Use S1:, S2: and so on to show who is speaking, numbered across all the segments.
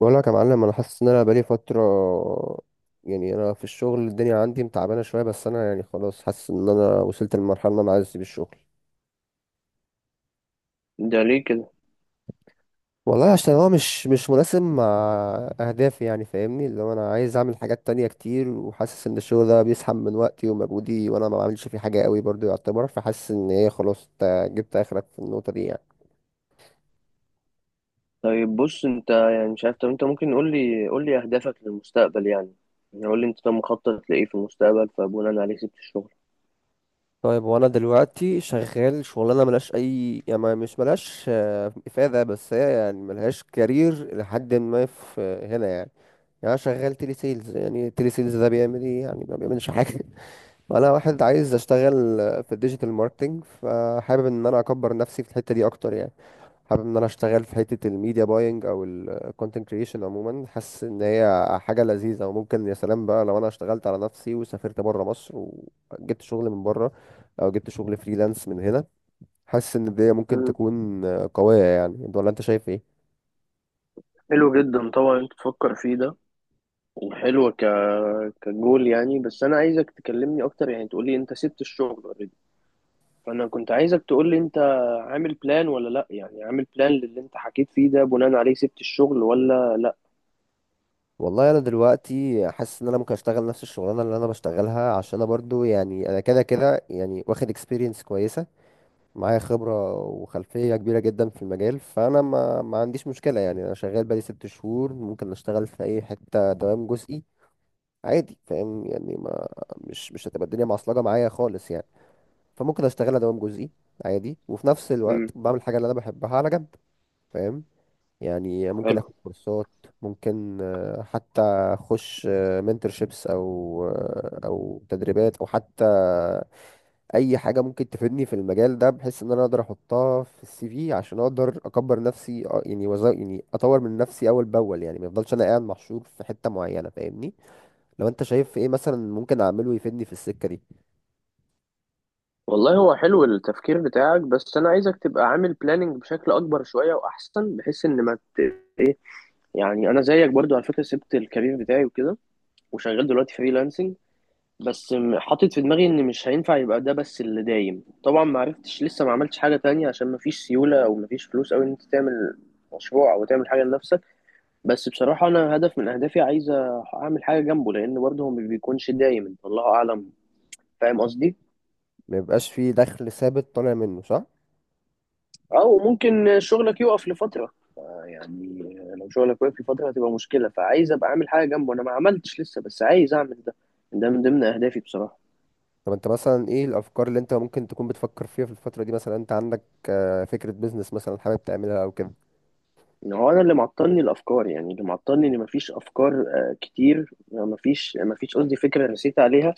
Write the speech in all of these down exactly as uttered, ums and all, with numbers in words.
S1: بقول لك يا معلم، انا حاسس ان انا بقالي فتره، يعني انا في الشغل الدنيا عندي متعبانه شويه، بس انا يعني خلاص حاسس ان انا وصلت للمرحله اللي انا عايز اسيب الشغل.
S2: ده ليه كده؟
S1: والله عشان هو مش مش مناسب مع اهدافي، يعني فاهمني، اللي هو انا عايز اعمل حاجات تانية كتير، وحاسس ان الشغل ده بيسحب من وقتي ومجهودي وانا ما بعملش فيه حاجه قوي برضو يعتبر، فحاسس ان هي خلاص إنت جبت اخرك في النقطه دي يعني.
S2: طيب بص، انت يعني مش عارف. طب انت ممكن قول لي قول لي اهدافك للمستقبل يعني. يعني قول لي انت طب مخطط لايه في المستقبل، فبناء عليه سبت الشغل.
S1: طيب وانا دلوقتي شغال شغلانه ملهاش اي، يعني ما- مش ملهاش آه، افاده، بس هي يعني ملهاش كارير لحد ما في آه، هنا يعني. يعني انا شغال تيلي سيلز، يعني تيلي سيلز ده بيعمل ايه؟ يعني ما بيعملش حاجه وانا واحد عايز اشتغل آه، في الديجيتال ماركتنج، فحابب ان انا اكبر نفسي في الحته دي اكتر يعني. حابب ان انا اشتغل في حتة الميديا باينج او الكونتنت كريشن عموما، حاسس ان هي حاجة لذيذة. وممكن يا سلام بقى لو انا اشتغلت على نفسي وسافرت بره مصر وجبت شغل من بره، او جبت شغل فريلانس من هنا، حاسس ان دي ممكن
S2: مم.
S1: تكون قوية، يعني انت ولا انت شايف ايه؟
S2: حلو جدا. طبعا انت تفكر فيه ده، وحلو ك كجول يعني. بس انا عايزك تكلمني اكتر، يعني تقول لي انت سبت الشغل اوريدي. فانا كنت عايزك تقول لي انت عامل بلان ولا لا، يعني عامل بلان للي انت حكيت فيه ده بناء عليه سبت الشغل ولا لا.
S1: والله انا دلوقتي حاسس ان انا ممكن اشتغل نفس الشغلانه اللي انا بشتغلها، عشان انا برضو يعني انا كده كده يعني واخد اكسبيرينس كويسه معايا، خبرة وخلفية كبيرة جدا في المجال. فأنا ما, ما عنديش مشكلة، يعني أنا شغال بقالي ست شهور، ممكن أشتغل في أي حتة دوام جزئي عادي، فاهم يعني؟ ما مش مش هتبقى الدنيا معصلجة معايا خالص يعني، فممكن أشتغلها دوام جزئي عادي، وفي نفس الوقت
S2: امم
S1: بعمل حاجة اللي أنا بحبها على جنب، فاهم؟ يعني ممكن
S2: حلو.
S1: آخد كورسات، ممكن آه، حتى أخش منتورشيبس، أو آه، أو تدريبات، أو حتى اي حاجه ممكن تفيدني في المجال ده، بحيث ان انا اقدر احطها في السي في عشان اقدر اكبر نفسي، أ- يعني وز... يعني اطور من نفسي اول باول، يعني ما يفضلش انا قاعد محشور في حته معينه، فاهمني؟ لو انت شايف ايه مثلا ممكن اعمله يفيدني في السكه دي.
S2: والله هو حلو التفكير بتاعك، بس انا عايزك تبقى عامل بلاننج بشكل اكبر شويه واحسن، بحيث ان ما ت... يعني انا زيك برضو على فكره سبت الكارير بتاعي وكده، وشغال دلوقتي فريلانسنج. بس م- حاطط في دماغي ان مش هينفع يبقى ده بس اللي دايم. طبعا ما عرفتش لسه، ما عملتش حاجه تانية عشان ما فيش سيوله، او ما فيش فلوس قوي ان انت تعمل مشروع او تعمل حاجه لنفسك. بس بصراحه انا هدف من اهدافي عايز اعمل حاجه جنبه، لان برضه هو ما بيكونش دايم. انت الله اعلم، فاهم قصدي؟
S1: ما يبقاش في دخل ثابت طالع منه، صح.
S2: او ممكن شغلك يقف لفتره يعني. لو شغلك واقف في فترة هتبقى مشكلة، فعايز أبقى أعمل حاجة جنبه. أنا ما عملتش لسه بس عايز أعمل ده. ده من ضمن أهدافي بصراحة.
S1: طب انت مثلا ايه الافكار اللي انت ممكن تكون بتفكر فيها في الفتره دي؟ مثلا انت عندك آه، فكره بيزنس مثلا حابب تعملها او كده؟
S2: إن هو أنا اللي معطلني الأفكار، يعني اللي معطلني إن مفيش أفكار آه، كتير. مفيش مفيش قصدي فكرة رسيت عليها.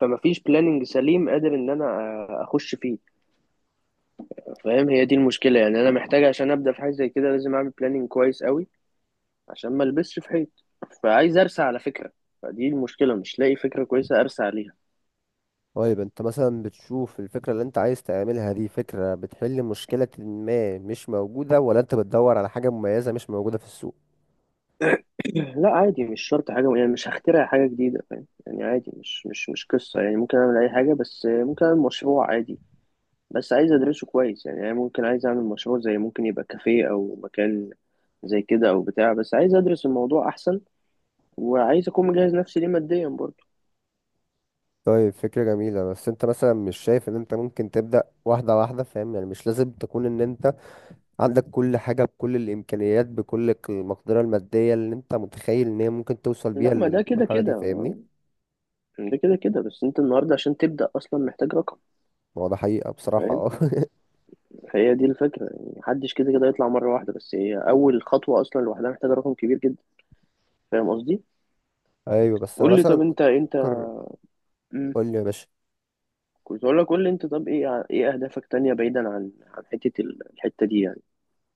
S2: فمفيش بلاننج سليم قادر إن أنا آه، أخش فيه. فاهم؟ هي دي المشكلة يعني. أنا محتاج عشان أبدأ في حاجة زي كده لازم أعمل بلاننج كويس قوي عشان ما ألبسش في حيط. فعايز أرسى على فكرة، فدي المشكلة. مش لاقي فكرة كويسة أرسى عليها.
S1: طيب انت مثلا بتشوف الفكرة اللي انت عايز تعملها دي فكرة بتحل مشكلة ما مش موجودة، ولا انت بتدور على حاجة مميزة مش موجودة في السوق؟
S2: لا عادي، مش شرط حاجة يعني. مش هخترع حاجة جديدة، فاهم يعني؟ عادي، مش مش مش قصة يعني. ممكن أعمل أي حاجة، بس ممكن أعمل مشروع عادي بس عايز أدرسه كويس. يعني أنا ممكن عايز أعمل مشروع زي، ممكن يبقى كافيه أو مكان زي كده أو بتاع، بس عايز أدرس الموضوع أحسن، وعايز أكون مجهز نفسي ليه ماديا برضه.
S1: طيب فكرة جميلة، بس انت مثلا مش شايف ان انت ممكن تبدأ واحدة واحدة؟ فاهم يعني؟ مش لازم تكون ان انت عندك كل حاجة، بكل الامكانيات، بكل ك- المقدرة المادية اللي انت متخيل ان هي ممكن توصل بيها
S2: لا، ما ده كده
S1: للمرحلة دي،
S2: كده
S1: فاهمني؟
S2: ما- ده كده كده. بس أنت النهاردة عشان تبدأ أصلا محتاج رقم.
S1: ما هو ده حقيقة بصراحة،
S2: فاهم؟
S1: اه
S2: هي دي الفكرة يعني. محدش كده كده يطلع مرة واحدة، بس هي أول خطوة أصلا لوحدها محتاجة رقم كبير جدا. فاهم قصدي؟
S1: ايوه بس انا
S2: قول لي
S1: مثلا
S2: طب
S1: كنت
S2: أنت أنت.
S1: بفكر. قول لي يا باشا.
S2: كنت اقول لك قول لي انت طب ايه ع- ايه اهدافك تانية، بعيدا عن عن حتة ال- الحتة دي يعني.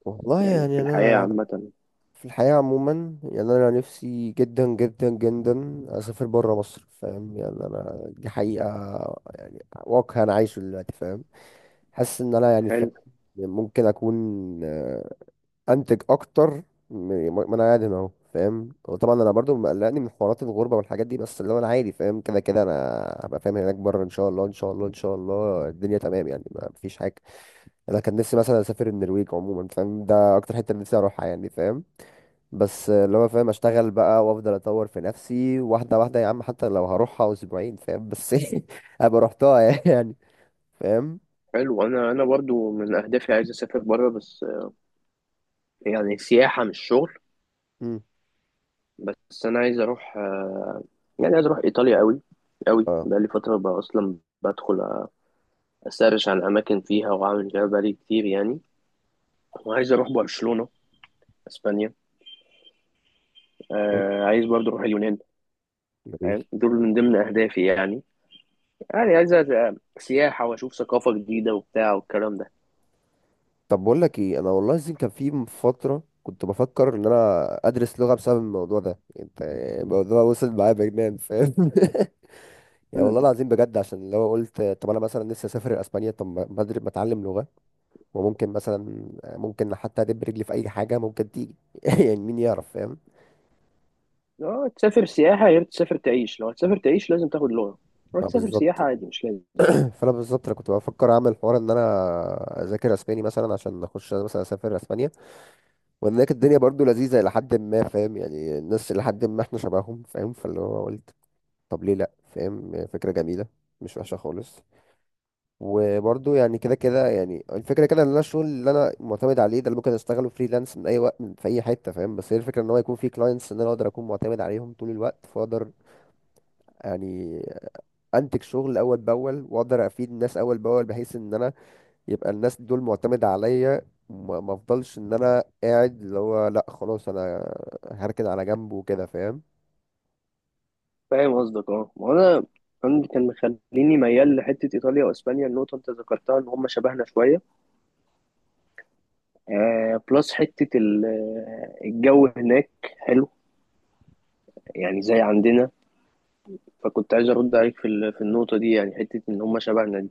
S1: والله
S2: يعني في
S1: يعني
S2: الحياة
S1: انا
S2: عامة.
S1: في الحياة عموما، يعني أنا نفسي جدا جدا جدا أسافر برا مصر، فاهم يعني؟ أنا دي حقيقة، يعني واقع أنا عايشه دلوقتي، فاهم؟ حاسس إن أنا يعني، فاهم،
S2: حلو.
S1: ممكن أكون آه، أنتج أكتر. م- ما أنا قاعد هنا أهو، فاهم؟ وطبعا أنا برضو مقلقني من حوارات الغربة والحاجات دي، بس اللي هو أنا عادي، فاهم كده كده أنا هبقى فاهم هناك برا إن شاء الله، إن شاء الله إن شاء الله الدنيا تمام، يعني ما فيش حاجة. أنا كان نفسي مثلا أسافر النرويج عموما، فاهم؟ ده أكتر حتة نفسي أروحها يعني، فاهم؟ بس اللي هو فاهم، اشتغل بقى وافضل اطور في نفسي واحده واحده يا عم، حتى لو هروحها اسبوعين، فاهم؟ بس ابقى رحتها يعني، فاهم.
S2: حلو، انا انا برضو من اهدافي عايز اسافر بره، بس آه، يعني سياحة مش شغل.
S1: مم.
S2: بس انا عايز اروح آه، يعني عايز اروح ايطاليا قوي قوي.
S1: اه
S2: بقالي فترة بقى اصلا بدخل اسرش عن اماكن فيها واعمل فيها بقالي كتير يعني. وعايز اروح برشلونة، اسبانيا.
S1: حلو،
S2: آه عايز برضو اروح اليونان.
S1: جميل.
S2: فاهم؟ دول من ضمن اهدافي يعني. يعني عايز أ- سياحة، واشوف ثقافة جديدة وبتاع والكلام ده.
S1: طب بقول لك ايه، انا والله العظيم كان في فتره كنت بفكر ان انا ادرس لغه بسبب الموضوع ده. انت الموضوع وصل معايا بجنان، فاهم يعني
S2: مم.
S1: والله العظيم بجد، عشان لو قلت طب انا مثلا نفسي اسافر اسبانيا، طب ما ما أدر- ما اتعلم لغه. وممكن مثلا، ممكن حتى ادب رجلي في اي حاجه ممكن تيجي يعني مين يعرف، فاهم؟
S2: اه، تسافر سياحة غير تسافر تعيش. لو هتسافر تعيش لازم تاخد لغة، لو
S1: ما
S2: هتسافر سياحة
S1: بالظبط.
S2: عادي مش لازم.
S1: فانا بالظبط انا كنت بفكر اعمل حوار ان انا اذاكر اسباني مثلا عشان اخش مثلا اسافر اسبانيا، وان هناك الدنيا برضو لذيذه الى حد ما، فاهم يعني، الناس الى حد ما احنا شبههم، فاهم. فاللي هو قلت، طب ليه لا، فاهم؟ فكره جميله، مش وحشه خالص. وبرضو يعني كده كده، يعني الفكره كده ان انا الشغل اللي انا معتمد عليه ده اللي ممكن اشتغله فريلانس من اي وقت، من في اي حته، فاهم. بس هي الفكره ان هو يكون في كلاينتس ان انا اقدر اكون معتمد عليهم طول الوقت، فاقدر يعني انتج شغل اول باول، واقدر افيد الناس اول باول، بحيث ان انا يبقى الناس دول معتمدة عليا، ما ما افضلش ان انا قاعد اللي هو لا خلاص انا هركن على جنب وكده، فاهم.
S2: فاهم قصدك، اه. ما انا أنا كان مخليني ميال لحتة إيطاليا وأسبانيا. النقطة أنت ذكرتها إن هم شبهنا شوية. آه بلس حتة ال- آه، الجو هناك حلو يعني زي عندنا. فكنت عايز أرد عليك في ال- في النقطة دي يعني، حتة إن هم شبهنا دي.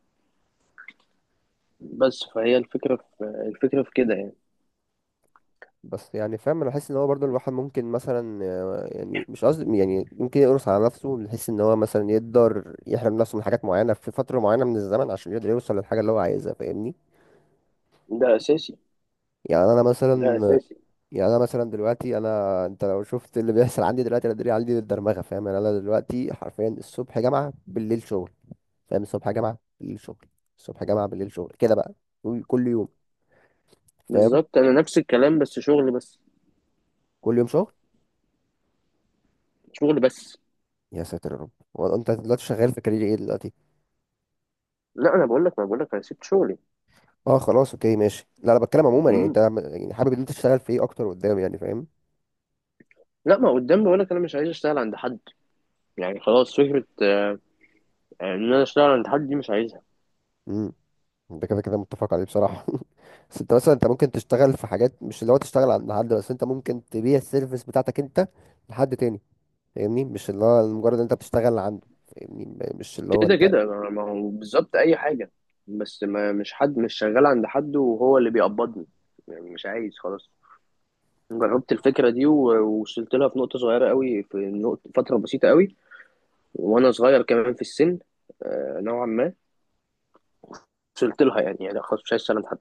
S2: بس فهي الفكرة في الفكرة في كده يعني.
S1: بس يعني فاهم، انا بحس ان هو برضو الواحد ممكن مثلا آه، يعني مش قصدي، يعني ممكن يقرص على نفسه، من حيث ان هو مثلا يقدر يحرم نفسه من حاجات معينة في فترة معينة من الزمن، عشان يقدر يوصل للحاجة اللي هو عايزها، فاهمني؟
S2: ده أساسي.
S1: يعني انا
S2: ده
S1: مثلا،
S2: أساسي.
S1: يعني انا مثلا دلوقتي، انا انت لو شفت اللي بيحصل عندي دلوقتي، انا دلوقتي عندي الدرمغة، فاهم يعني؟ انا دلوقتي حرفيا الصبح جامعة بالليل شغل، فاهم؟ الصبح جامعة بالليل شغل. الصبح جامعة بالليل شغل كده بقى، كل كل يوم، فاهم؟
S2: بالظبط، أنا نفس الكلام بس شغل بس.
S1: كل يوم شغل.
S2: شغل بس.
S1: يا ساتر يا رب. هو انت دلوقتي شغال في كارير ايه دلوقتي؟
S2: لا انا بقول لك ما بقول لك انا سبت شغلي.
S1: اه خلاص، اوكي، ماشي. لا انا بتكلم عموما يعني،
S2: امم
S1: انت عم- يعني حابب ان انت تشتغل في ايه اكتر قدام يعني، فاهم؟
S2: لا ما قدام. بقول لك انا مش عايز اشتغل عند حد. يعني خلاص فكره آه، ان انا اشتغل عند حد دي مش عايزها.
S1: امم، ده كده كده متفق عليه بصراحة بس انت مثلا انت ممكن تشتغل في حاجات، مش اللي هو تشتغل عند حد، بس انت ممكن تبيع السيرفيس بتاعتك انت لحد تاني، فاهمني؟ مش اللي هو مجرد انت بتشتغل عنده، فاهمني، م- مش اللي هو
S2: كده
S1: انت.
S2: كده ما ما هو بالظبط اي حاجه، بس ما مش حد مش شغال عند حد وهو اللي بيقبضني. يعني مش عايز، خلاص جربت الفكره دي و- ووصلت لها في نقطه صغيره قوي. في نقطه فتره بسيطه قوي وانا صغير كمان في السن آه، نوعا ما. وصلت لها يعني يعني خلاص مش عايز اشتغل عند حد،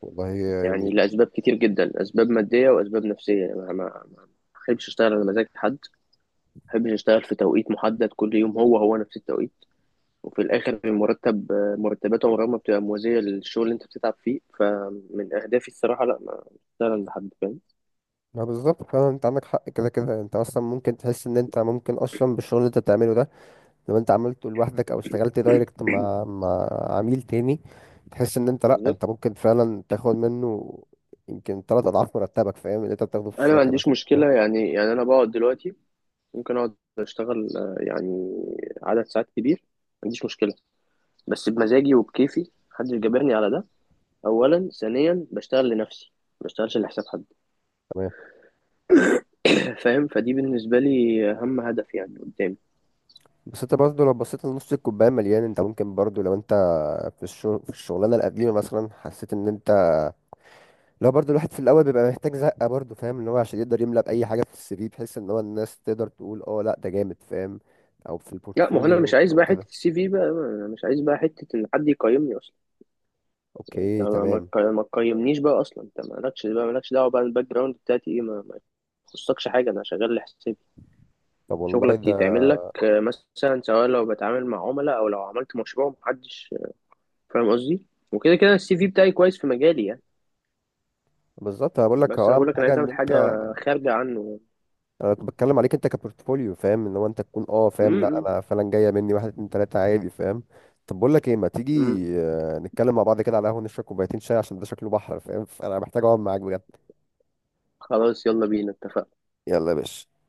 S1: والله
S2: يعني
S1: يعني
S2: لأسباب كتير جدا. أسباب مادية وأسباب نفسية، يعني ما ما ما بحبش أشتغل على مزاج حد. ما بحبش أشتغل في توقيت محدد كل يوم هو هو نفس التوقيت. وفي الآخر المرتب، مرتبات عمرها ما بتبقى موازية للشغل اللي أنت بتتعب فيه. فمن أهدافي الصراحة لا ما أشتغل عند حد، فاهم؟
S1: ما بالظبط، فعلا انت عندك حق، كده كده انت اصلا ممكن تحس ان انت ممكن اصلا بالشغل اللي انت بتعمله ده، لو انت عملته لوحدك او اشتغلت دايركت مع مع عميل تاني، تحس ان انت لا
S2: بالظبط.
S1: انت ممكن فعلا تاخد منه يمكن تلات اضعاف مرتبك، فاهم، اللي انت بتاخده في
S2: أنا ما
S1: الشركه
S2: عنديش
S1: مثلا، فاهم؟
S2: مشكلة يعني يعني أنا بقعد دلوقتي، ممكن أقعد أشتغل آه، يعني عدد ساعات كبير ما عنديش مشكلة، بس بمزاجي وبكيفي محدش جبرني على ده. أولا. ثانيا بشتغل لنفسي ما بشتغلش لحساب حد.
S1: تمام.
S2: فاهم؟ فدي بالنسبة لي أهم هدف يعني قدامي.
S1: بس انت برضه لو بصيت لنص الكوبايه مليان، انت ممكن برضه لو انت في الشغل في الشغلانه القديمه مثلا حسيت ان انت، لا برضو الواحد في الاول بيبقى محتاج زقه برضو، فاهم، ان هو عشان يقدر يملى باي حاجه في السي في، بحيث ان هو الناس تقدر تقول اه لا ده جامد، فاهم، او في
S2: لا ما هو أنا مش
S1: البورتفوليو
S2: عايز
S1: او
S2: بقى حتة
S1: كده.
S2: السي في بقى. أنا مش عايز بقى حتة إن حد يقيمني أصلا. أنت
S1: اوكي
S2: ما ما
S1: تمام.
S2: تق- ما تقيمنيش بقى أصلا. أنت مالكش بقى مالكش دعوة بقى. الباك جراوند بتاعتي إيه ما, ما يخصكش حاجة. أنا شغال لحسابي.
S1: طب والله
S2: شغلك
S1: ده
S2: يتعمل لك آه، مثلا، سواء لو بتعامل مع عملاء أو لو عملت مشروع محدش. فاهم قصدي؟ وكده كده السي في بتاعي كويس في مجالي يعني.
S1: بالظبط، انا بقول لك
S2: بس أنا
S1: هو اهم
S2: بقول لك أنا
S1: حاجه
S2: عايز
S1: ان
S2: أعمل
S1: انت،
S2: حاجة خارجة عنه.
S1: انا كنت بتكلم عليك انت كبورتفوليو، فاهم، ان هو انت تكون اه
S2: م
S1: فاهم، لا
S2: -م.
S1: انا فعلا جايه مني واحد اتنين تلاته عادي، فاهم. طب بقول لك ايه، ما
S2: م.
S1: تيجي آه، نتكلم مع بعض كده على قهوه، نشرب كوبايتين شاي، عشان ده شكله بحر، فاهم؟ فانا محتاج اقعد معاك بجد.
S2: خلاص يلا بينا اتفقنا.
S1: يلا يا باشا.